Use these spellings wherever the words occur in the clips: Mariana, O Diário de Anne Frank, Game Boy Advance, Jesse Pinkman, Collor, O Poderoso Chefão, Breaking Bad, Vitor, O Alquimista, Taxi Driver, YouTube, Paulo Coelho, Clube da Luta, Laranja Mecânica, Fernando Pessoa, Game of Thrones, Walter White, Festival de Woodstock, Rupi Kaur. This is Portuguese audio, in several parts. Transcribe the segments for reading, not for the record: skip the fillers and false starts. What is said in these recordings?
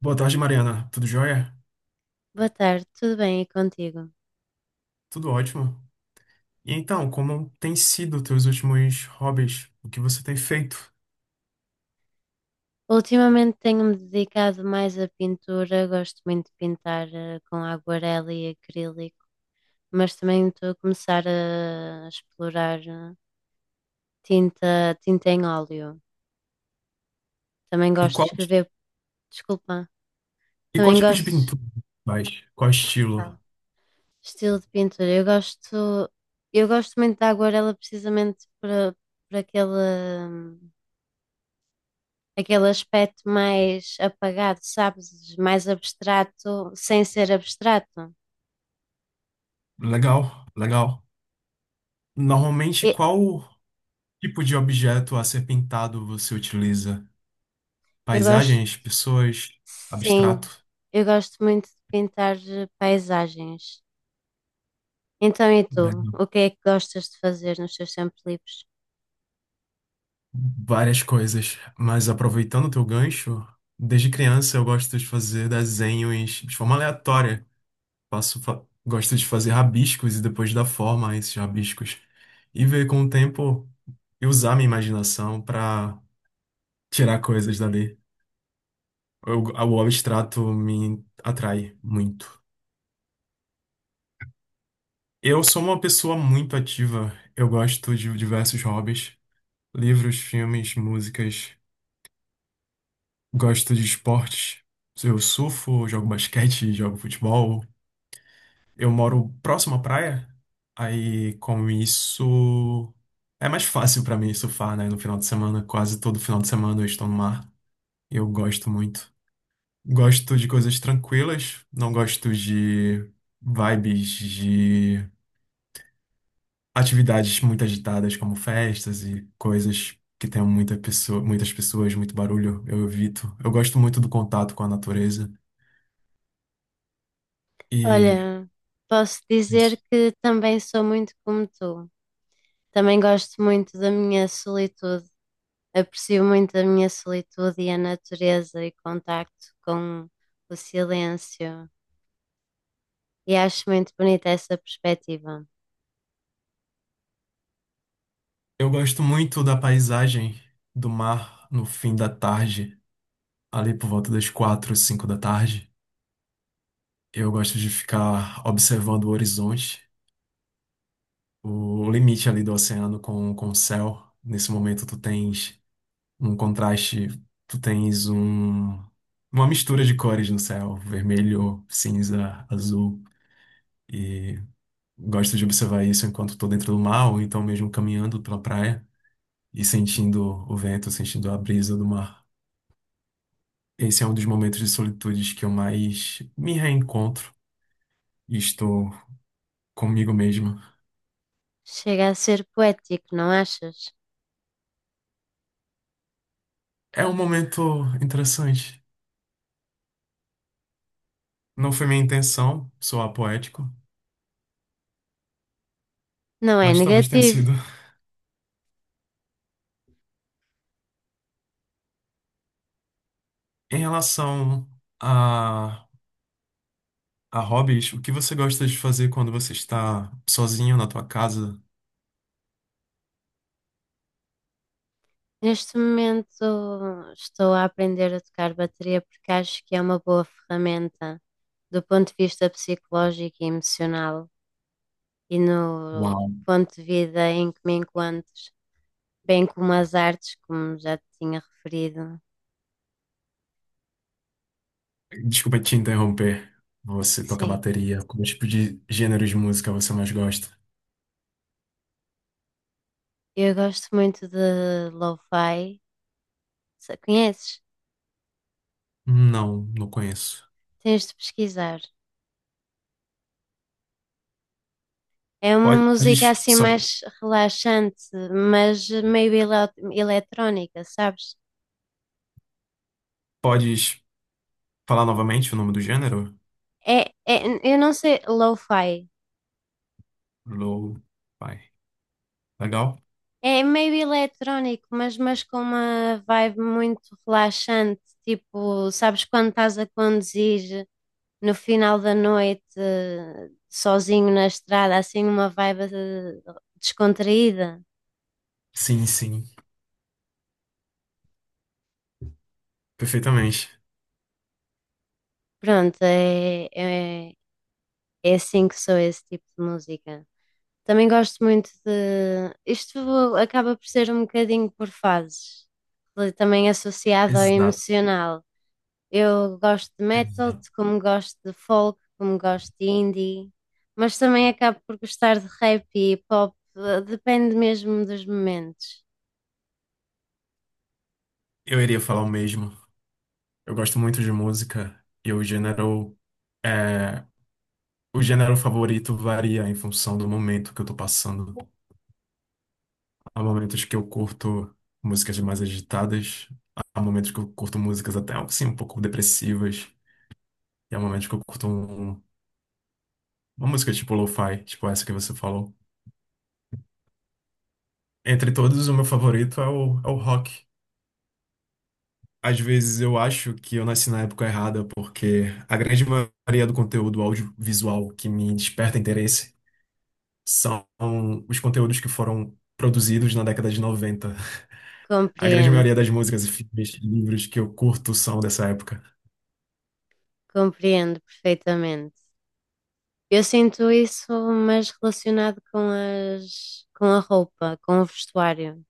Boa tarde, Mariana. Tudo jóia? Boa tarde, tudo bem e contigo? Tudo ótimo. E então, como tem sido teus últimos hobbies? O que você tem feito? Ultimamente tenho-me dedicado mais à pintura, gosto muito de pintar com aguarela e acrílico, mas também estou a começar a explorar tinta em óleo. Também E gosto de qual, escrever, desculpa, e qual também tipo de gosto de pintura você faz? Qual estilo? fala. Estilo de pintura. Eu gosto muito da aguarela precisamente para aquele, hum, aquele aspecto mais apagado, sabes? Mais abstrato, sem ser abstrato. Legal, legal. Normalmente, E- qual tipo de objeto a ser pintado você utiliza? Eu gosto, Paisagens, pessoas, sim, abstrato? eu gosto muito de pintar paisagens. Então, e tu? Legal. O que é que gostas de fazer nos teus tempos livres? Várias coisas. Mas aproveitando o teu gancho, desde criança eu gosto de fazer desenhos de forma aleatória. Gosto de fazer rabiscos e depois dar forma a esses rabiscos. E ver com o tempo e usar minha imaginação para tirar coisas dali. O abstrato me atrai muito. Eu sou uma pessoa muito ativa. Eu gosto de diversos hobbies, livros, filmes, músicas. Gosto de esportes. Eu surfo, jogo basquete, jogo futebol. Eu moro próximo à praia, aí com isso é mais fácil pra mim surfar, né? No final de semana, quase todo final de semana eu estou no mar. Eu gosto muito. Gosto de coisas tranquilas, não gosto de vibes de atividades muito agitadas como festas e coisas que tenham muita pessoa, muitas pessoas, muito barulho. Eu evito. Eu gosto muito do contato com a natureza e Olha, posso é dizer isso. que também sou muito como tu. Também gosto muito da minha solitude. Aprecio muito a minha solitude e a natureza e contacto com o silêncio. E acho muito bonita essa perspectiva. Eu gosto muito da paisagem do mar no fim da tarde, ali por volta das quatro, cinco da tarde. Eu gosto de ficar observando o horizonte, o limite ali do oceano com o céu. Nesse momento tu tens um contraste, tu tens uma mistura de cores no céu, vermelho, cinza, azul. E gosto de observar isso enquanto estou dentro do mar, ou então mesmo caminhando pela praia e sentindo o vento, sentindo a brisa do mar. Esse é um dos momentos de solitude que eu mais me reencontro e estou comigo mesmo. Chega a ser poético, não achas? É um momento interessante. Não foi minha intenção soar poético, Não é mas talvez tenha negativo. sido. Em relação a, a hobbies, o que você gosta de fazer quando você está sozinho na tua casa? Neste momento estou a aprender a tocar bateria porque acho que é uma boa ferramenta do ponto de vista psicológico e emocional e no Uau! ponto de vida em que me encontro, bem como as artes, como já te tinha referido. Desculpa te interromper. Você toca Sim, bateria? Qual tipo de gênero de música você mais gosta? eu gosto muito de lo-fi. Se- Conheces? Não, não conheço. Tens de pesquisar. É uma música Podes, assim só, mais relaxante, mas meio eletrónica, sabes? Podes falar novamente o nome do gênero? Eu não sei, lo-fi. Low, fi Legal? É meio eletrónico, mas com uma vibe muito relaxante. Tipo, sabes quando estás a conduzir no final da noite, sozinho na estrada, assim uma vibe descontraída. Sim, sim, perfeitamente. Pronto, é, é assim que sou esse tipo de música. Também gosto muito de. Isto acaba por ser um bocadinho por fases, também associado ao Exato, emocional. Eu gosto de metal, exato. como gosto de folk, como gosto de indie, mas também acabo por gostar de rap e pop, depende mesmo dos momentos. Eu iria falar o mesmo. Eu gosto muito de música e é, o gênero favorito varia em função do momento que eu tô passando. Há momentos que eu curto músicas mais agitadas, há momentos que eu curto músicas até assim um pouco depressivas, e há momentos que eu curto uma música tipo lo-fi, tipo essa que você falou. Entre todos, o meu favorito é o rock. Às vezes eu acho que eu nasci na época errada, porque a grande maioria do conteúdo audiovisual que me desperta interesse são os conteúdos que foram produzidos na década de 90. A grande Compreendo, maioria das músicas e filmes e livros que eu curto são dessa época. compreendo perfeitamente. Eu sinto isso, mas relacionado com com a roupa, com o vestuário.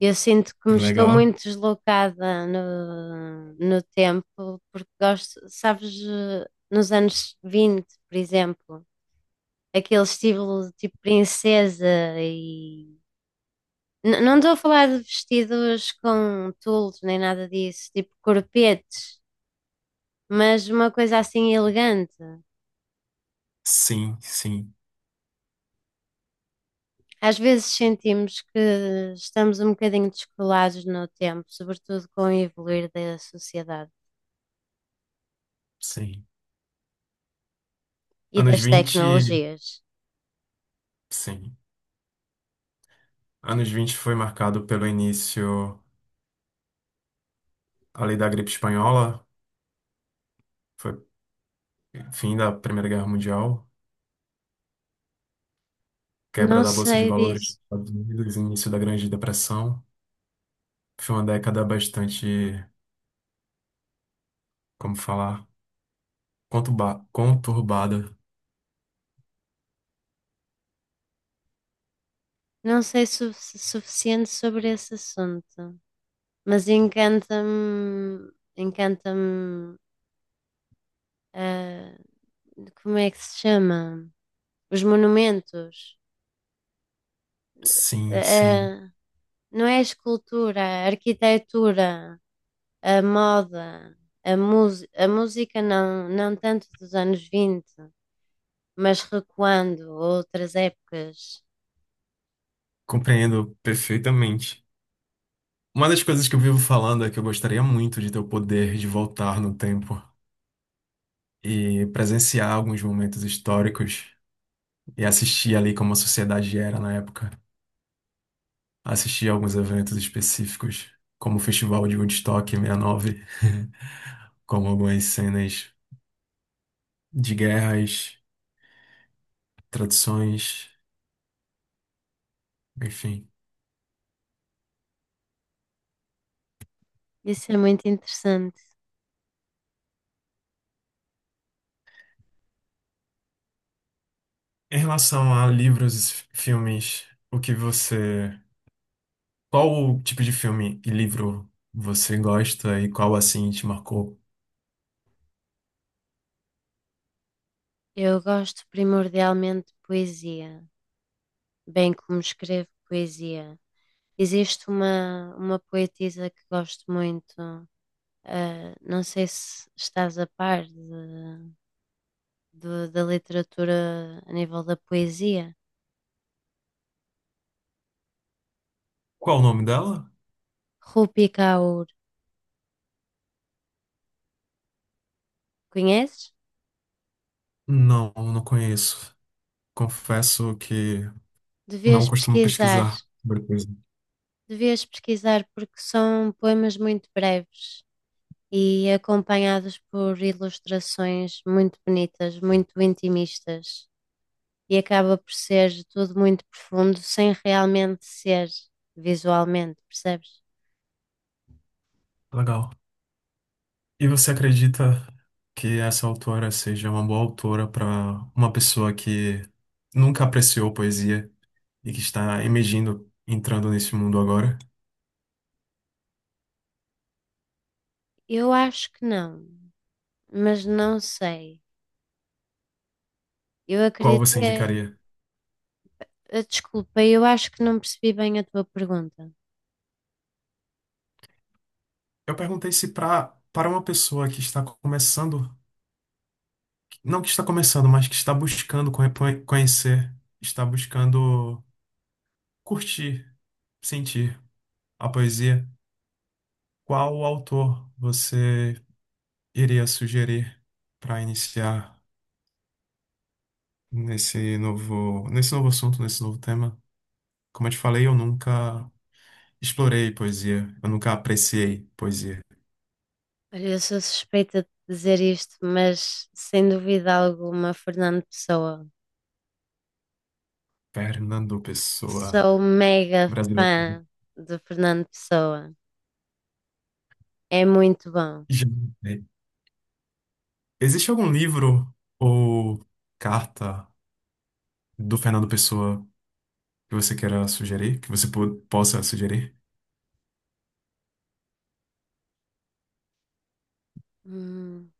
Eu sinto que me estou Legal? muito deslocada no tempo, porque gosto, sabes, nos anos 20 por exemplo, aquele estilo tipo princesa e. Não estou a falar de vestidos com tules nem nada disso, tipo corpetes, mas uma coisa assim elegante. Sim, sim, Às vezes sentimos que estamos um bocadinho descolados no tempo, sobretudo com o evoluir da sociedade sim. e Anos das 20, tecnologias. sim. Anos 20 foi marcado pelo início ali da gripe espanhola, foi fim da Primeira Guerra Mundial, quebra Não da Bolsa de sei Valores dos disso. Estados Unidos, início da Grande Depressão. Foi uma década bastante, como falar, conturbada. Não sei suficiente sobre esse assunto. Mas encanta-me, ah, como é que se chama? Os monumentos. Sim, sim, Ah, ah, não é a escultura, a arquitetura, a moda, a música não, não tanto dos anos 20, mas recuando a outras épocas. compreendo perfeitamente. Uma das coisas que eu vivo falando é que eu gostaria muito de ter o poder de voltar no tempo e presenciar alguns momentos históricos e assistir ali como a sociedade era na época. Assistir alguns eventos específicos, como o Festival de Woodstock 69, como algumas cenas de guerras traduções, enfim. Isso é muito interessante. Em relação a livros e filmes, o que você. Qual tipo de filme e livro você gosta e qual assim te marcou? Eu gosto primordialmente de poesia. Bem como escrevo poesia. Existe uma poetisa que gosto muito, ah, não sei se estás a par da literatura a nível da poesia. Qual o nome dela? Rupi Kaur, conheces? Não, não conheço. Confesso que não Devias costumo pesquisar, pesquisar sobre coisa. devias pesquisar porque são poemas muito breves e acompanhados por ilustrações muito bonitas, muito intimistas. E acaba por ser tudo muito profundo sem realmente ser visualmente, percebes? Legal. E você acredita que essa autora seja uma boa autora para uma pessoa que nunca apreciou poesia e que está emergindo, entrando nesse mundo agora? Eu acho que não, mas não sei. Eu Qual acredito você que. Indicaria? Desculpa, eu acho que não percebi bem a tua pergunta. Eu perguntei se para uma pessoa que está começando, não que está começando, mas que está buscando conhecer, está buscando curtir, sentir a poesia, qual autor você iria sugerir para iniciar nesse novo assunto, nesse novo tema? Como eu te falei, eu nunca explorei poesia, eu nunca apreciei poesia. Olha, eu sou suspeita de dizer isto, mas sem dúvida alguma, Fernando Pessoa. Fernando Pessoa, Sou mega brasileiro. fã de Fernando Pessoa. É muito bom. Já. Existe algum livro ou carta do Fernando Pessoa que você queira sugerir, que você possa sugerir? Hum,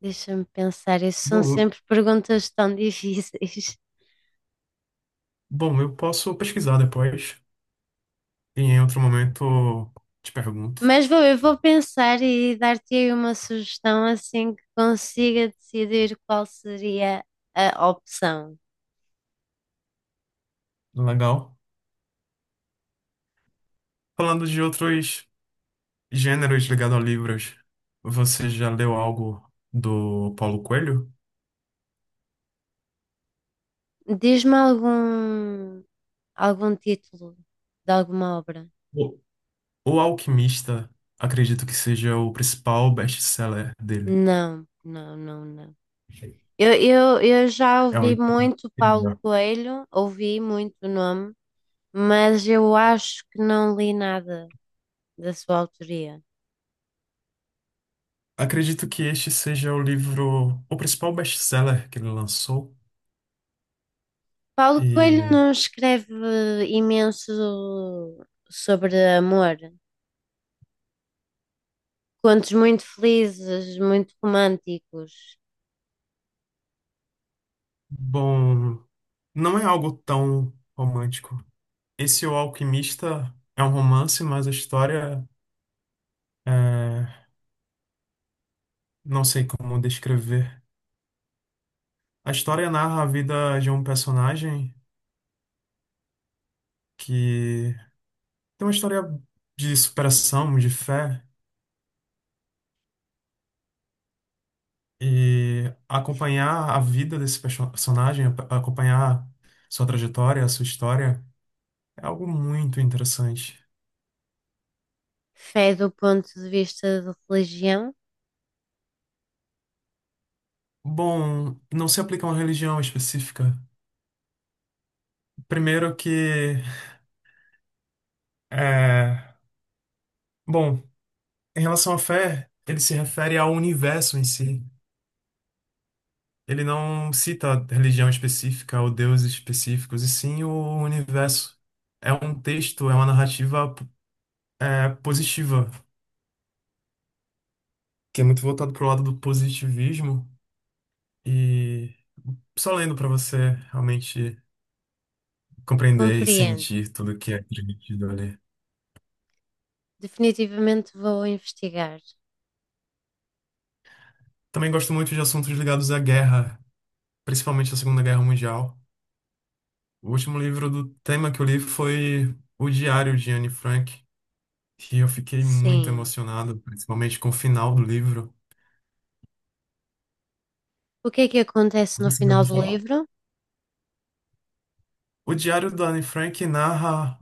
deixa-me pensar, isso são Bom, sempre perguntas tão difíceis. bom, eu posso pesquisar depois e em outro momento te pergunto. Mas eu vou pensar e dar-te aí uma sugestão assim que consiga decidir qual seria a opção. Legal. Falando de outros gêneros ligados a livros, você já leu algo do Paulo Coelho? Diz-me algum, algum título de alguma obra? O O Alquimista, acredito que seja o principal best-seller dele. Não, não, não, não. Eu já É um ouvi livro muito Paulo incrível. Coelho, ouvi muito o nome, mas eu acho que não li nada da sua autoria. Acredito que este seja o livro, o principal best-seller que ele lançou. Paulo Coelho E, não escreve imenso sobre amor. Contos muito felizes, muito românticos. bom, não é algo tão romântico. Esse O Alquimista é um romance, mas a história é, não sei como descrever. A história narra a vida de um personagem que tem uma história de superação, de fé, e acompanhar a vida desse personagem, acompanhar sua trajetória, sua história. É algo muito interessante. Fé do ponto de vista de religião? Bom, não se aplica a uma religião específica. Primeiro que, é, bom, em relação à fé, ele se refere ao universo em si. Ele não cita religião específica ou deuses específicos, e sim o universo. É um texto, é uma narrativa, positiva, que é muito voltado para o lado do positivismo. E só lendo para você realmente compreender e Compreendo. sentir tudo que é transmitido ali. Definitivamente vou investigar. Também gosto muito de assuntos ligados à guerra, principalmente à Segunda Guerra Mundial. O último livro do tema que eu li foi O Diário de Anne Frank, e eu fiquei muito Sim. emocionado, principalmente com o final do livro. O que é que acontece no Você já final ouviu do falar? livro? O Diário da Anne Frank narra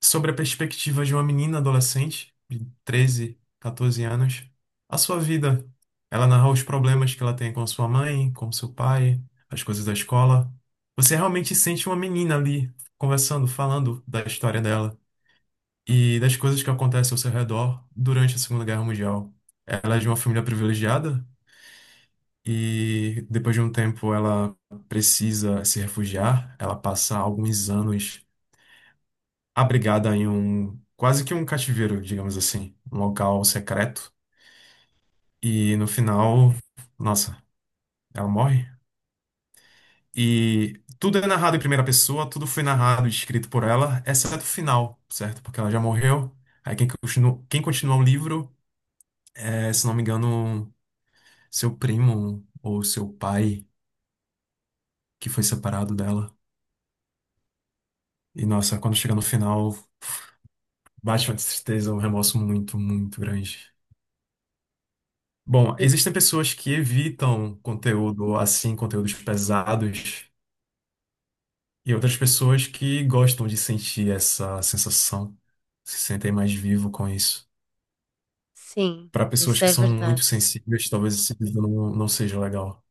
sobre a perspectiva de uma menina adolescente de 13, 14 anos, a sua vida. Ela narra os problemas que ela tem com sua mãe, com seu pai, as coisas da escola. Você realmente sente uma menina ali conversando, falando da história dela e das coisas que acontecem ao seu redor durante a Segunda Guerra Mundial. Ela é de uma família privilegiada e depois de um tempo ela precisa se refugiar. Ela passa alguns anos abrigada em um quase que um cativeiro, digamos assim, um local secreto. E no final, nossa, ela morre. E tudo é narrado em primeira pessoa, tudo foi narrado e escrito por ela, exceto o final, certo? Porque ela já morreu. Aí quem continua o livro é, se não me engano, seu primo ou seu pai que foi separado dela. E nossa, quando chega no final, bate uma tristeza, um remorso muito, muito grande. Bom, E- existem pessoas que evitam conteúdo assim, conteúdos pesados, e outras pessoas que gostam de sentir essa sensação, se sentem mais vivo com isso. Sim, Para pessoas isso que é são verdade. muito sensíveis, talvez esse vídeo não, não seja legal.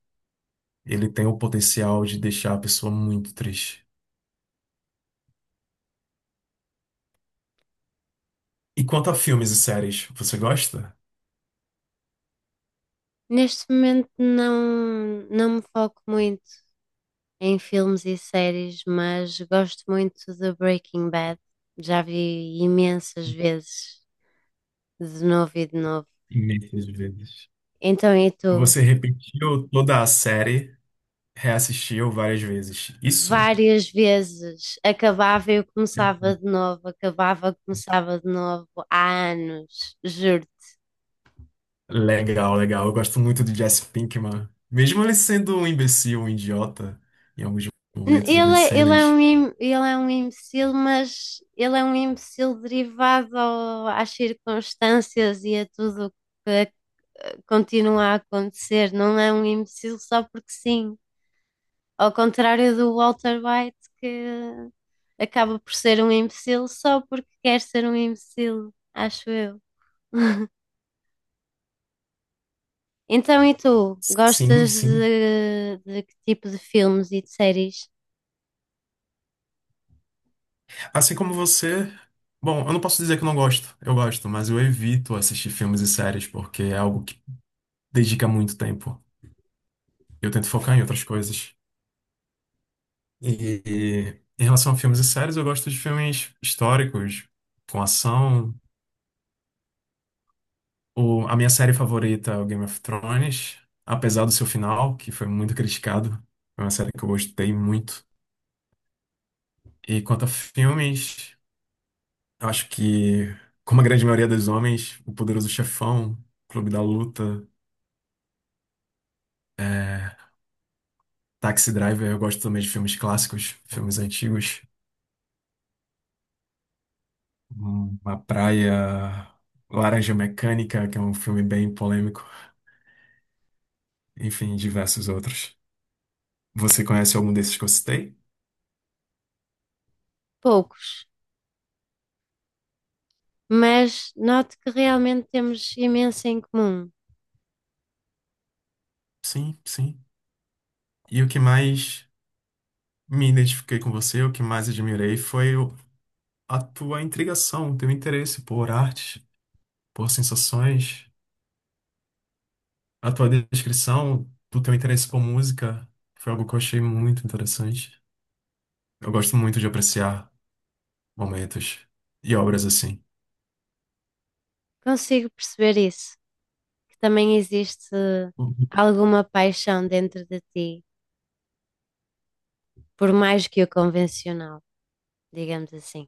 Ele tem o potencial de deixar a pessoa muito triste. E quanto a filmes e séries, você gosta? Neste momento não, não me foco muito em filmes e séries, mas gosto muito de Breaking Bad. Já vi imensas vezes, de novo e de novo. Imensas vezes. Então, e tu? Você repetiu toda a série, reassistiu várias vezes. Isso? Várias vezes. Acabava e eu começava de novo, acabava, começava de novo, há anos, juro. Legal, legal. Eu gosto muito de Jesse Pinkman. Mesmo ele sendo um imbecil, um idiota, em alguns momentos, algumas cenas. Ele é um imbecil, mas ele é um imbecil derivado às circunstâncias e a tudo que ac- continua a acontecer. Não é um imbecil só porque sim. Ao contrário do Walter White, que acaba por ser um imbecil só porque quer ser um imbecil, acho eu. Então, e tu? Sim, Gostas sim. De que tipo de filmes e de séries? Assim como você. Bom, eu não posso dizer que eu não gosto. Eu gosto, mas eu evito assistir filmes e séries porque é algo que dedica muito tempo. Eu tento focar em outras coisas. E em relação a filmes e séries, eu gosto de filmes históricos, com ação. A minha série favorita é o Game of Thrones, apesar do seu final, que foi muito criticado. É uma série que eu gostei muito. E quanto a filmes, eu acho que, como a grande maioria dos homens, O Poderoso Chefão, Clube da Luta, é, Taxi Driver, eu gosto também de filmes clássicos, filmes antigos. Uma Praia, Laranja Mecânica, que é um filme bem polêmico, enfim, diversos outros. Você conhece algum desses que eu citei? Poucos, mas noto que realmente temos imenso em comum. Sim, sim. E o que mais me identifiquei com você, o que mais admirei foi a tua intrigação, o teu interesse por arte, por sensações, a tua descrição do teu interesse por música, foi algo que eu achei muito interessante. Eu gosto muito de apreciar momentos e obras assim. Consigo perceber isso, que também existe alguma paixão dentro de ti, por mais que o convencional, digamos assim.